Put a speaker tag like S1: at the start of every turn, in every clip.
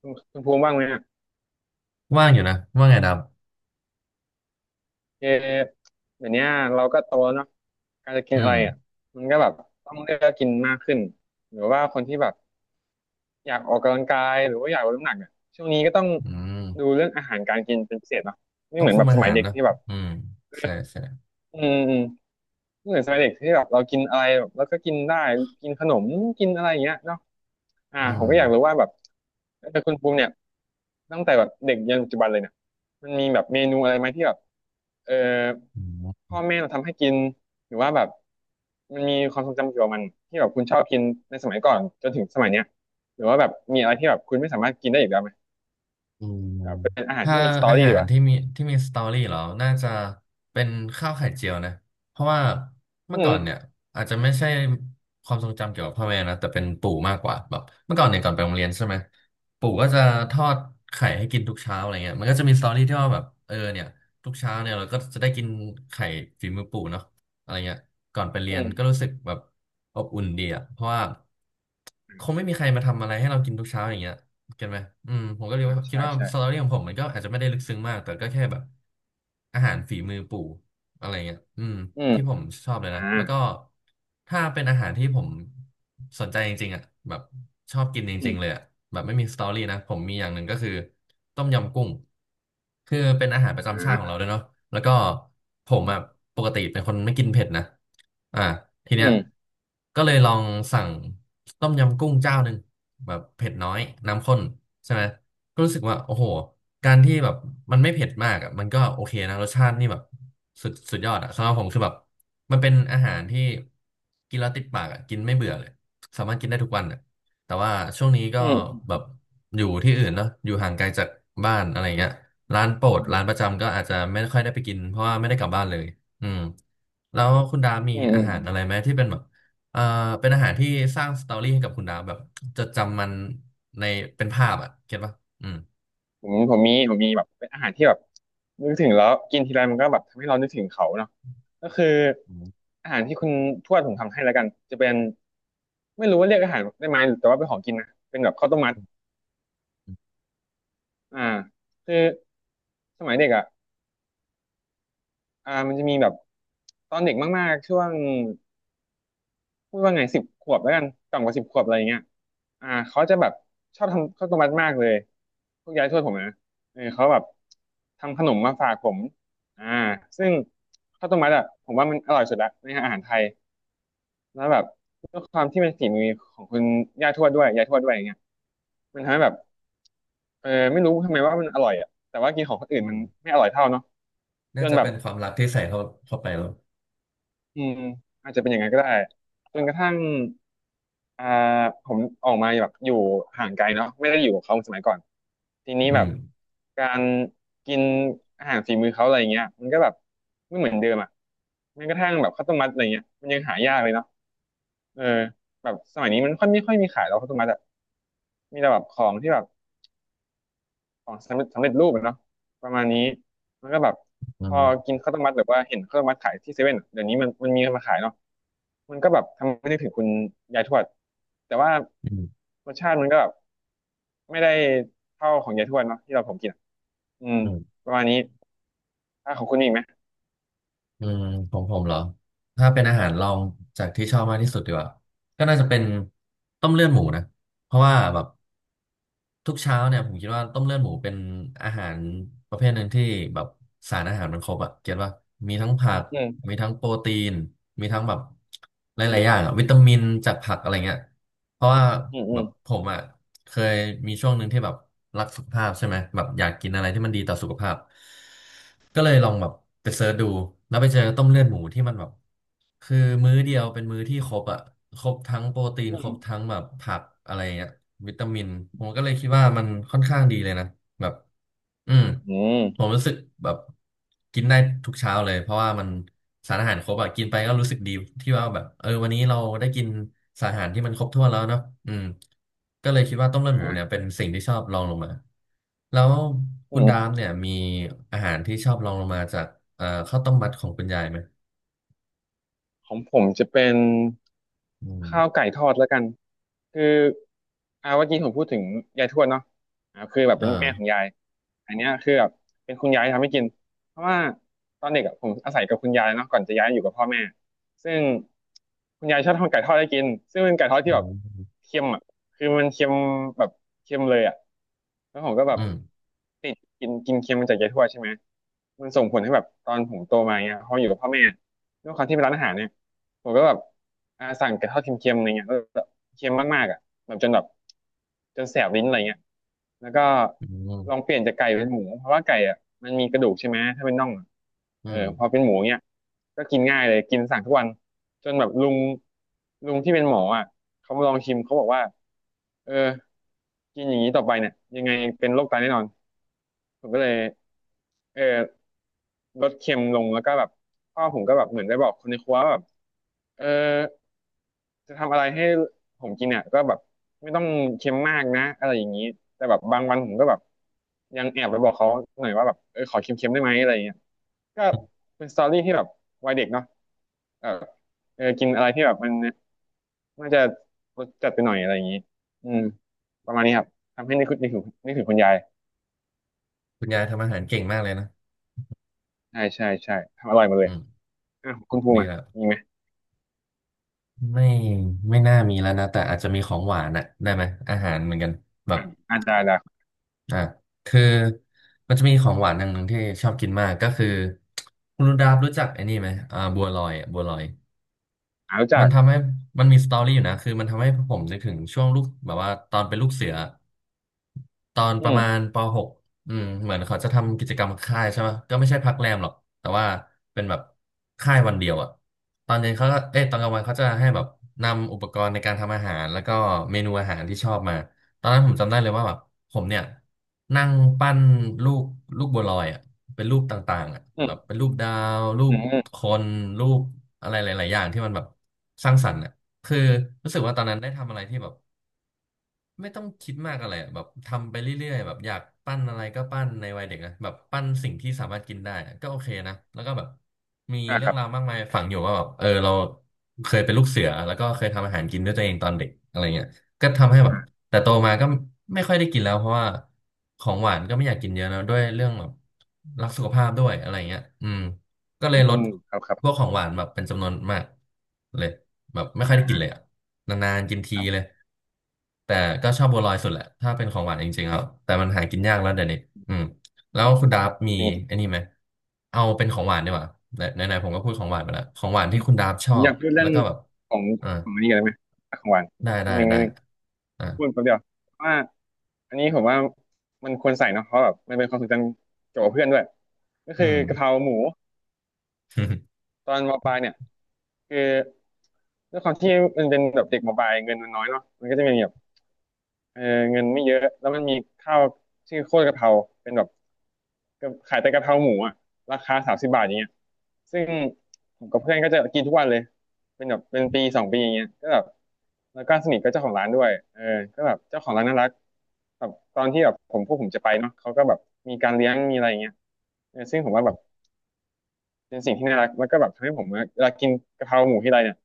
S1: คุณภูมิว่างไหมอ่ะ
S2: ว่างอยู่นะว่างไงด
S1: เออเดี๋ยวเนี้ยเราก็โตแล้วเนาะการจะ
S2: ำ
S1: กินอะไรอ่ะมันก็แบบต้องเลือกกินมากขึ้น หรือว่าคนที่แบบอยากออกกำลังกาย หรือว่าอยากลดน้ำหนักเนี่ยช่วงนี้ก็ต้อง
S2: อืม
S1: ดูเรื่องอาหารการกินเป็นพิเศษเนาะไม่
S2: ต้อ
S1: เห
S2: ง
S1: มือน
S2: คุ
S1: แบ
S2: ม
S1: บส
S2: อา
S1: มั
S2: หา
S1: ย
S2: ร
S1: เด็ก
S2: นะ
S1: ที่แบบ
S2: อืมใช่ใช่
S1: อืม ไม่เหมือนสมัยเด็กที่แบบเรากินอะไรแบบแล้วก็กินได้กินขนมกินอะไรอย่างเงี้ยเนาะ
S2: อื
S1: ผม
S2: ม
S1: ก็อยากรู้ว่าแบบแต่คุณภูมิเนี่ยตั้งแต่แบบเด็กยันปัจจุบันเลยเนี่ยมันมีแบบเมนูอะไรไหมที่แบบเออพ่อแม่เราทำให้กินหรือว่าแบบมันมีความทรงจำเกี่ยวกับมันที่แบบคุณชอบกินในสมัยก่อนจนถึงสมัยเนี้ยหรือว่าแบบมีอะไรที่แบบคุณไม่สามารถกินได้อีกแล้วไหม
S2: อืม
S1: แบบเป็นอาหาร
S2: ถ้า
S1: ที่มีสตอ
S2: อา
S1: รี่
S2: หา
S1: ดี
S2: ร
S1: กว่า
S2: ที่มีที่มีสตอรี่เหรอน่าจะเป็นข้าวไข่เจียวนะเพราะว่าเมื่
S1: อื
S2: อก่อน
S1: ม
S2: เนี่ยอาจจะไม่ใช่ความทรงจำเกี่ยวกับพ่อแม่นะแต่เป็นปู่มากกว่าแบบเมื่อก่อนเนี่ยก่อนไปโรงเรียนใช่ไหมปู่ก็จะทอดไข่ให้กินทุกเช้าอะไรเงี้ยมันก็จะมีสตอรี่ที่ว่าแบบเออเนี่ยทุกเช้าเนี่ยเราก็จะได้กินไข่ฝีมือปู่เนาะอะไรเงี้ยก่อนไปเรี
S1: อื
S2: ยน
S1: ม
S2: ก็รู้สึกแบบอบอุ่นดีอะเพราะว่าคงไม่มีใครมาทำอะไรให้เรากินทุกเช้าอย่างเงี้ย เก็ตไหมอืมผมก็เลย
S1: อื
S2: ว่า
S1: มอ่า
S2: คิด
S1: ใช่
S2: ว่าสตอ
S1: ใช่
S2: รี่ของผมมันก็อาจจะไม่ได้ลึกซึ้งมากแต่ก็แค่แบบอาหารฝีมือปู่อะไรเงี้ยอืม
S1: อืม
S2: ที่ผมชอบเลย
S1: อ่า
S2: นะแล้วก็ถ้าเป็นอาหารที่ผมสนใจจริงๆอ่ะแบบชอบกินจ
S1: อื
S2: ริงๆเลย
S1: ม
S2: อ่ะแบบไม่มีสตอรี่นะผมมีอย่างหนึ่งก็คือต้มยำกุ้งคือเป็นอาหารป
S1: อ
S2: ระจำชาติของเรา
S1: ่า
S2: ด้วยเนาะแล้วก็ผ
S1: อื
S2: มอ่ะ
S1: ม
S2: ปกติเป็นคนไม่กินเผ็ดนะ อ่าที
S1: อื
S2: เนี้ย
S1: ม
S2: ก็เลยลองสั่งต้มยำกุ้งเจ้าหนึ่งแบบเผ็ดน้อยน้ำข้นใช่ไหมก็รู้สึกว่าโอ้โหการที่แบบมันไม่เผ็ดมากอ่ะมันก็โอเคนะรสชาตินี่แบบสุดสุดยอดอ่ะสำหรับผมคือแบบมันเป็นอาหารที่กินแล้วติดปากอ่ะกินไม่เบื่อเลยสามารถกินได้ทุกวันอ่ะแต่ว่าช่วงนี้ก็
S1: อืม
S2: แบบอยู่ที่อื่นเนาะอยู่ห่างไกลจากบ้านอะไรเงี้ยร้านโปรด
S1: อืม
S2: ร้านประจำก็อาจจะไม่ค่อยได้ไปกินเพราะว่าไม่ได้กลับบ้านเลย อืมแล้วคุณดามีอาหารอะไรไหมที่เป็นแบบเอ่อเป็นอาหารที่สร้างสตอรี่ให้กับคุณดาแบบจดจำมันในเป็นภาพอ่ะเก็ตปะอืม
S1: อืมผมมีแบบเป็นอาหารที่แบบนึกถึงแล้วกินทีไรมันก็แบบทำให้เรานึกถึงเขาเนาะก็คือ
S2: อืม
S1: อาหารที่คุณทวดผมทำให้แล้วกันจะเป็นไม่รู้ว่าเรียกอาหารได้ไหมแต่ว่าเป็นของกินนะเป็นแบบข้าวต้มมัดอ่าคือสมัยเด็กอ่ะมันจะมีแบบตอนเด็กมากๆช่วง พูดว่าไง10 ขวบแล้วกันต่ำกว่าสิบขวบอะไรอย่างเงี้ยเขาจะแบบชอบทำข้าวต้มมัดมากเลยพวกยายทวดผมนะเขาแบบทำขนมมาฝากผมอ่าซึ่งข้าวต้มมัดอ่ะผมว่ามันอร่อยสุดละในอาหารไทยแล้วแบบด้วยความที่เป็นฝีมือของคุณย่าทวดด้วยยายทวดด้วยอย่างเงี้ยมันทำให้แบบไม่รู้ทำไมว่ามันอร่อยอ่ะแต่ว่ากินของคนอื่น
S2: อื
S1: มัน
S2: ม
S1: ไม่อร่อยเท่าเนาะจ
S2: น่า
S1: น
S2: จะ
S1: แบ
S2: เป็
S1: บ
S2: นความรักที่ใส่เข้าไปแล้ว
S1: อืมอาจจะเป็นอย่างนั้นก็ได้จนกระทั่งอ่าผมออกมาแบบอยู่ห่างไกลเนาะไม่ได้อยู่กับเขาสมัยก่อนทีนี้
S2: อื
S1: แบบ
S2: ม
S1: การกินอาหารฝีมือเขาอะไรเงี้ยมันก็แบบไม่เหมือนเดิมอ่ะแม้กระทั่งแบบข้าวต้มมัดอะไรเงี้ยมันยังหายากเลยเนาะเออแบบสมัยนี้มันค่อยไม่ค่อยมีขายแล้วข้าวต้มมัดอะมีแต่แบบของที่แบบ ของสำเร็จรูปอะเนาะประมาณนี้มันก็แบบ
S2: อื
S1: พอ
S2: ม
S1: กินข้าวต้มมัดหรือว่าเห็นข้าวต้มมัดขายที่เซเว่นเดี๋ยวนี้มันมีมาขายเนาะมันก็แบบทำให้นึกถึงคุณยายทวดแต่ว่า
S2: อืม
S1: รสชาติมันก็แบบไม่ได้เท่าของยายทวดเนาะที่เราผมกินอะอืม
S2: อืม
S1: ประมาณนี้ถ้าของคุณมีอีกไหม
S2: อืมของผมเหรอถ้าเป็นอาหารลองจากที่ชอบมากที่สุดดีกว่าก็น่าจะเป็นต้มเลือดหมูนะเพราะว่าแบบ ทุกเช้าเนี่ยผมคิดว่าต้มเลือดหมูเป็นอาหารประเภทหนึ่งที่แบบสารอาหารมันครบอะเก็ตว่ามีทั้งผัก
S1: อืม
S2: มีทั้งโปรตีนมีทั้งแบบห
S1: อื
S2: ลา
S1: ม
S2: ยๆอย่างอะวิตามินจากผักอะไรเงี้ยเพราะว่า
S1: อืมอื
S2: แบ
S1: ม
S2: บผมอะเคยมีช่วงหนึ่งที่แบบรักสุขภาพใช่ไหมแบบอยากกินอะไรที่มันดีต่อสุขภาพก็เลยลองแบบไปเสิร์ชดูแล้วไปเจอต้มเลือดหมูที่มันแบบ คือมื้อเดียวเป็นมื้อที่ครบอ่ะครบทั้งโปรตีน
S1: อื
S2: ครบทั้
S1: ม
S2: งแบบผักอะไรเงี้ยวิตามินผมก็เลยคิดว่ามันค่อนข้างดีเลยนะแบบอืม
S1: อื
S2: ผม
S1: ม
S2: รู้สึกแบบกินได้ทุกเช้าเลยเพราะว่ามันสารอาหารครบอ่ะกินไปก็รู้สึกดีที่ว่าแบบเออวันนี้เราได้กินสารอาหารที่มันครบถ้วนแล้วเนาะอืมก็เลยคิดว่าต้มเลือดหมู
S1: อ
S2: เนี่ยเป็
S1: ม
S2: นสิ่งที่ชอบรองลงมาแล้ว
S1: อ่
S2: คุณดาม
S1: า
S2: เนี่ยมีอาหารที่ชอบรองลงมาจากข้าวต้มมัดของคุณยายไหม
S1: ของผมจะเป็น
S2: อืม
S1: ข้าวไก่ทอดแล้วกันคือเมื่อกี้ผมพูดถึงยายทวดเนาะคือแบบ
S2: เออ
S1: เป็นแม่ของยายอันเนี้ยคือแบบเป็นคุณยายทำให้กินเพราะว่าตอนเด็กอะผมอาศัยกับคุณยายเนาะก่อนจะย้ายอยู่กับพ่อแม่ซึ่งคุณยายชอบทำไก่ทอดให้กินซึ่งเป็นไก่ทอด
S2: อื
S1: ที่แบบ
S2: ม
S1: เค็มอ่ะคือมันเค็มแบบเค็มเลยอ่ะแล้วผมก็แบ
S2: อื
S1: บ
S2: ม
S1: ติดกินกินเค็มมาจากยายทวดใช่ไหมมันส่งผลให้แบบตอนผมโตมาเนี้ยพออยู่กับพ่อแม่ด้วยความที่เป็นร้านอาหารเนี่ย ผมก็แบบสั่งไก่ทอดเค็มๆอะไรเงี้ยแล้วแบบเค็มมากๆอ่ะแบบจนแบบจนแสบลิ้นอะไรเงี้ยแล้วก็
S2: อื
S1: ลองเป
S2: ม
S1: ลี่ยนจากไก่เป็นหมูเพราะว่าไก่อ่ะมันมีกระดูกใช่ไหมถ้าเป็นน่องอะ
S2: อืม
S1: พอเป็นหมูเนี้ยก็กินง่ายเลยกินสั่งทุกวันจนแบบลุงที่เป็นหมออ่ะเขามาลองชิมเขาบอกว่าเออกินอย่างนี้ต่อไปเนี่ยยังไงเป็นโรคไตแน่นอน ผมก็เลยเออลดเค็มลงแล้วก็แบบพ่อผมก็แบบเหมือนได้บอกคนในครัวว่าแบบเออจะทำอะไรให้ผมกินเนี่ยก็แบบไม่ต้องเค็มมากนะอะไรอย่างนี้แต่แบบบางวันผมก็แบบยังแอบไปบอกเขาหน่อยว่าแบบขอเค็มๆได้ไหมอะไรอย่างเงี้ยก็เป็นสตอรี่ที่แบบวัยเด็กเนาะเออกินอะไรที่แบบมันน่าจะรสจัดไปหน่อยอะไรอย่างนี้อืมประมาณนี้ครับทำให้นึกถึงคุณยาย
S2: คุณยายทำอาหารเก่งมากเลยนะ
S1: ใช่ใช่ใช่ทำอร่อยหมดเล
S2: อื
S1: ย
S2: ม
S1: เออของคุณภูมิ
S2: ดี
S1: อ่ะ
S2: แลว
S1: มีไหม
S2: ไม่ไม่น่ามีแล้วนะแต่อาจจะมีของหวานอะได้ไหมอาหารเหมือนกันแบ
S1: อื
S2: บ
S1: มอ่าได้ได้
S2: อ่ะคือมันจะมีของหวานอย่างหนึ่งที่ชอบกินมาก ก็คือคุณดาบรู้จักไอ้นี่ไหมอ่าบัวลอยอะบัวลอย
S1: อ่ารู้จั
S2: มัน
S1: ก
S2: ทำให้มันมีสตอรี่อยู่นะคือมันทำให้ผมนึกถึงช่วงลูกแบบว่าตอนเป็นลูกเสือ ตอน
S1: อื
S2: ประมาณ
S1: ม
S2: ป .6 อืมเหมือนเขาจะทำกิจกรรมค่ายใช่ไหมก็ไม่ใช่พักแรมหรอกแต่ว่าเป็นแบบค่ายวันเดียวอะตอนเย็นเขาก็เอ้ยตอนกลางวันเขาจะให้แบบนำอุปกรณ์ในการทำอาหารแล้วก็เมนูอาหารที่ชอบมา ตอนนั้นผมจำได้เลยว่าแบบผมเนี่ยนั่งปั้นลูกลูกบัวลอยอะเป็นรูปต่างๆอะ
S1: อื
S2: แบบ
S1: ม
S2: เป็นรูปดาวรู
S1: อื
S2: ป
S1: มอืม
S2: คนรูปอะไรหลายๆอย่างที่มันแบบสร้างสรรค์อะคือรู้สึกว่าตอนนั้นได้ทำอะไรที่แบบ ไม่ต้องคิดมากอะไรอะแบบทำไปเรื่อยๆแบบอยากปั้นอะไรก็ปั้นในวัยเด็กนะแบบปั้นสิ่งที่สามารถกินได้อะก็โอเคนะแล้วก็แบบมี
S1: อ่า
S2: เรื่
S1: ค
S2: อง
S1: รับ
S2: ราวมากมายฝังอยู่ว่าแบบเออเราเคยเป็นลูกเสือแล้วก็เคยทำอาหารกินด้วยตัวเองตอนเด็กอะไรเงี้ยก็ทำให้แบบ
S1: อ่า
S2: แต่โตมาก็ไม่ค่อยได้กินแล้วเพราะว่าของหวานก็ไม่อยากกินเยอะนะด้วยเรื่องแบบรักสุขภาพด้วยอะไรเงี้ยอืม ก็เล
S1: อื
S2: ยลด
S1: มครับครั
S2: พวก
S1: บ
S2: ของหวานแบบเป็นจำนวนมากเลยแบบไม่ค่อย
S1: อ่า
S2: ได้กินเลยอ่ะนานๆกินที
S1: ครั
S2: เลย
S1: บ
S2: แต่ก็ชอบบัวลอยสุดแหละถ้าเป็นของหวานจริงๆครับแต่มันหากินยากแล้วเดี๋ยวนี้อืมแล้วคุณดาบมี
S1: อย่าง
S2: ไอ้นี่ไหมเอาเป็นของหวานดีกว่าไหนไหนๆผมก็พูดของหวานไปแล้วของหวานที่คุณดาบช
S1: ผ
S2: อ
S1: มอ
S2: บ
S1: ยากพูดเรื่
S2: แล้
S1: อ
S2: ว
S1: ง
S2: ก็แบบ
S1: ของ
S2: อ่า
S1: ของอันนี้กันได้ไหมของหวาน
S2: ได้
S1: นิ
S2: ได้
S1: ดนึง
S2: ได้
S1: นิดนึง
S2: อ่า
S1: พูดแป๊บเดียวว่าอันนี้ผมว่ามันควรใส่เนาะเพราะแบบมันเป็นความทรงจำเกี่ยวกับเพื่อนด้วยก็
S2: อื
S1: คือ
S2: ม
S1: กะเพราหมู ตอนมปลายเนี่ยคือด้วยความที่มันเป็นแบบเด็กมปลายเงินมันน้อยเนาะมันก็จะมีแบบ เออเงินไม่เยอะแล้วมันมีข้าวชื่อโคตรกะเพราเป็นแบบก็ขายแต่กะเพราหมูอะราคา30 บาทอย่างเงี้ยซึ่งผมกับเพื่อนก็จะกินทุกวันเลยเป็นแบบเป็นปีสองปีอย่างเงี้ยก็แบบแล้วก็สนิทกับเจ้าของร้านด้วยก็แบบเจ้าของร้านน่ารักแบบตอนที่แบบผมพวกผมจะไปเนาะเขาก็แบบมีการเลี้ยงมีอะไรอย่างเงี้ยซึ่งผมว่าแบบเป็นสิ่งที่น่ารักแล้วก็แบบทำให้ผมเวลากินกะเพราหมูที่ไรเนี่ย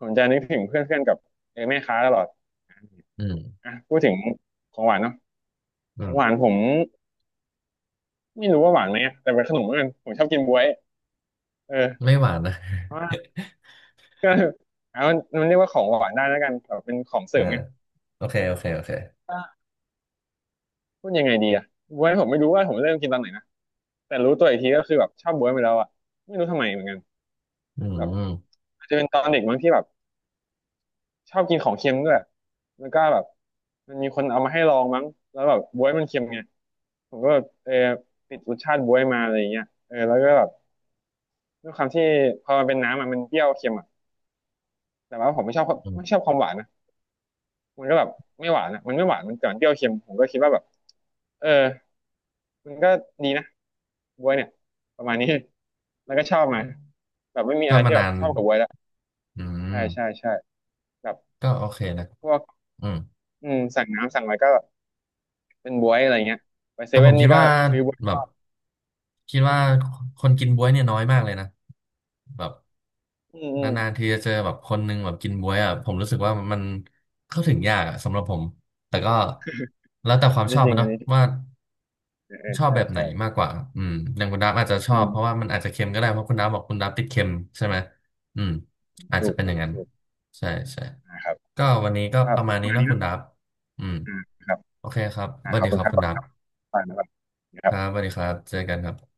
S1: ผมจะนึกถึงเพื่อนๆกับแม่ค้าตลอด
S2: อืม
S1: อ่ะพูดถึงของหวานเนาะ
S2: อื
S1: ของหวาน
S2: ม
S1: ผมไม่รู้ว่าหวานไหมอะแต่เป็นขนมแล้วกันผมชอบกินบ๊วยเออ
S2: ไม่หวานนะ
S1: เพราะว่าแล้วมันเรียกว่าของหวานได้แล้วกันแบบเป็นของเสริ
S2: อ่า
S1: มไง
S2: โอเคโอเคโอเค
S1: ก็พูดยังไงดีอะบ๊วยผมไม่รู้ว่าผมเริ่มกินตอนไหนนะแต่รู้ตัวอีกทีก็คือแบบชอบบ๊วยไปแล้วอะไม่รู้ทำไมเหมือนกัน
S2: อื
S1: แบบ
S2: ม
S1: อาจจะเป็นตอนเด็กมั้งที่แบบชอบกินของเค็มด้วยแล้วก็แบบมันมีคนเอามาให้ลองมั้งแล้วแบบบ๊วยมันเค็มไงผมก็แบบติดรสชาติบ๊วยมาอะไรอย่างเงี้ยแล้วก็แบบด้วยความที่พอมันเป็นน้ำอะมันเปรี้ยวเค็มอะแต่ว่าผมไม่ชอบ
S2: อื
S1: ไม่ช
S2: ม
S1: อบความหวานนะ มันก็แบบไม่หวานอ่ะมันไม่หวานมันแต่มันเปรี้ยวเค็มผมก็คิดว่าแบบเออมันก็ดีนะบวยเนี่ยประมาณนี้ แล้วก็ชอบมาแบบไม่มี
S2: ช
S1: อะ
S2: อ
S1: ไร
S2: บมา
S1: ที่แบ
S2: นา
S1: บ
S2: น
S1: ชอบกับบวยแล้ว
S2: อื
S1: ใช่
S2: ม
S1: ใช่ใช่แบบ
S2: ก็โอเคนะ
S1: พวก
S2: อืม
S1: อืมสั่งน้ำสั่งอะไรก็แบบเป็นบวยอะไรเงี้ยไปเซ
S2: แต่ผ
S1: เว่
S2: ม
S1: น
S2: คิ
S1: นี่
S2: ด
S1: ก็
S2: ว่า
S1: ซื้อบว
S2: แบบ
S1: ย
S2: คิดว่าคนกินบ๊วยเนี่ยน้อยมากเลยนะแบบ
S1: อืมอืม
S2: นานๆทีจะเจอแบบคนหนึ่งแบบกินบ๊วยอ่ะผมรู้สึกว่ามันเข้าถึงยากอ่ะสำหรับผมแต่ก็แล้วแต่ความ
S1: อัน
S2: ช
S1: นี้
S2: อบ
S1: จริ
S2: มัน
S1: งอั
S2: เนาะ
S1: นนี้จริง
S2: ว่า
S1: เออเออ
S2: ชอบ
S1: ใช่
S2: แบบไหน
S1: ใช่
S2: มากกว่าอืมอย่างคุณดับอาจจะช
S1: อื
S2: อบเพราะ
S1: ม
S2: ว่ามันอาจจะเค็มก็ได้เพราะคุณดับบอกคุณดับติดเค็มใช่ไหมอืมอาจ
S1: ถู
S2: จะ
S1: ก
S2: เป็นอ
S1: ถู
S2: ย่าง
S1: ก
S2: นั้น
S1: ถูก
S2: ใช่ใช่
S1: นะครับ
S2: ก็วันนี้ก็
S1: ครั
S2: ป
S1: บ
S2: ระมา
S1: ป
S2: ณ
S1: ระ
S2: นี้
S1: มาณ
S2: นะ
S1: นี้เน
S2: คุณ
S1: อะ
S2: ดับอืม
S1: อ่าครับ
S2: โอเคครับ
S1: อ่า
S2: สวั
S1: ข
S2: ส
S1: อบ
S2: ดี
S1: คุ
S2: ค
S1: ณ
S2: รับ
S1: ครับ
S2: คุ
S1: ข
S2: ณ
S1: อบ
S2: ดั
S1: คุณ
S2: บ
S1: ครับไปนะค
S2: ค
S1: รับ
S2: รับสวัสดีครับเจอกันครับ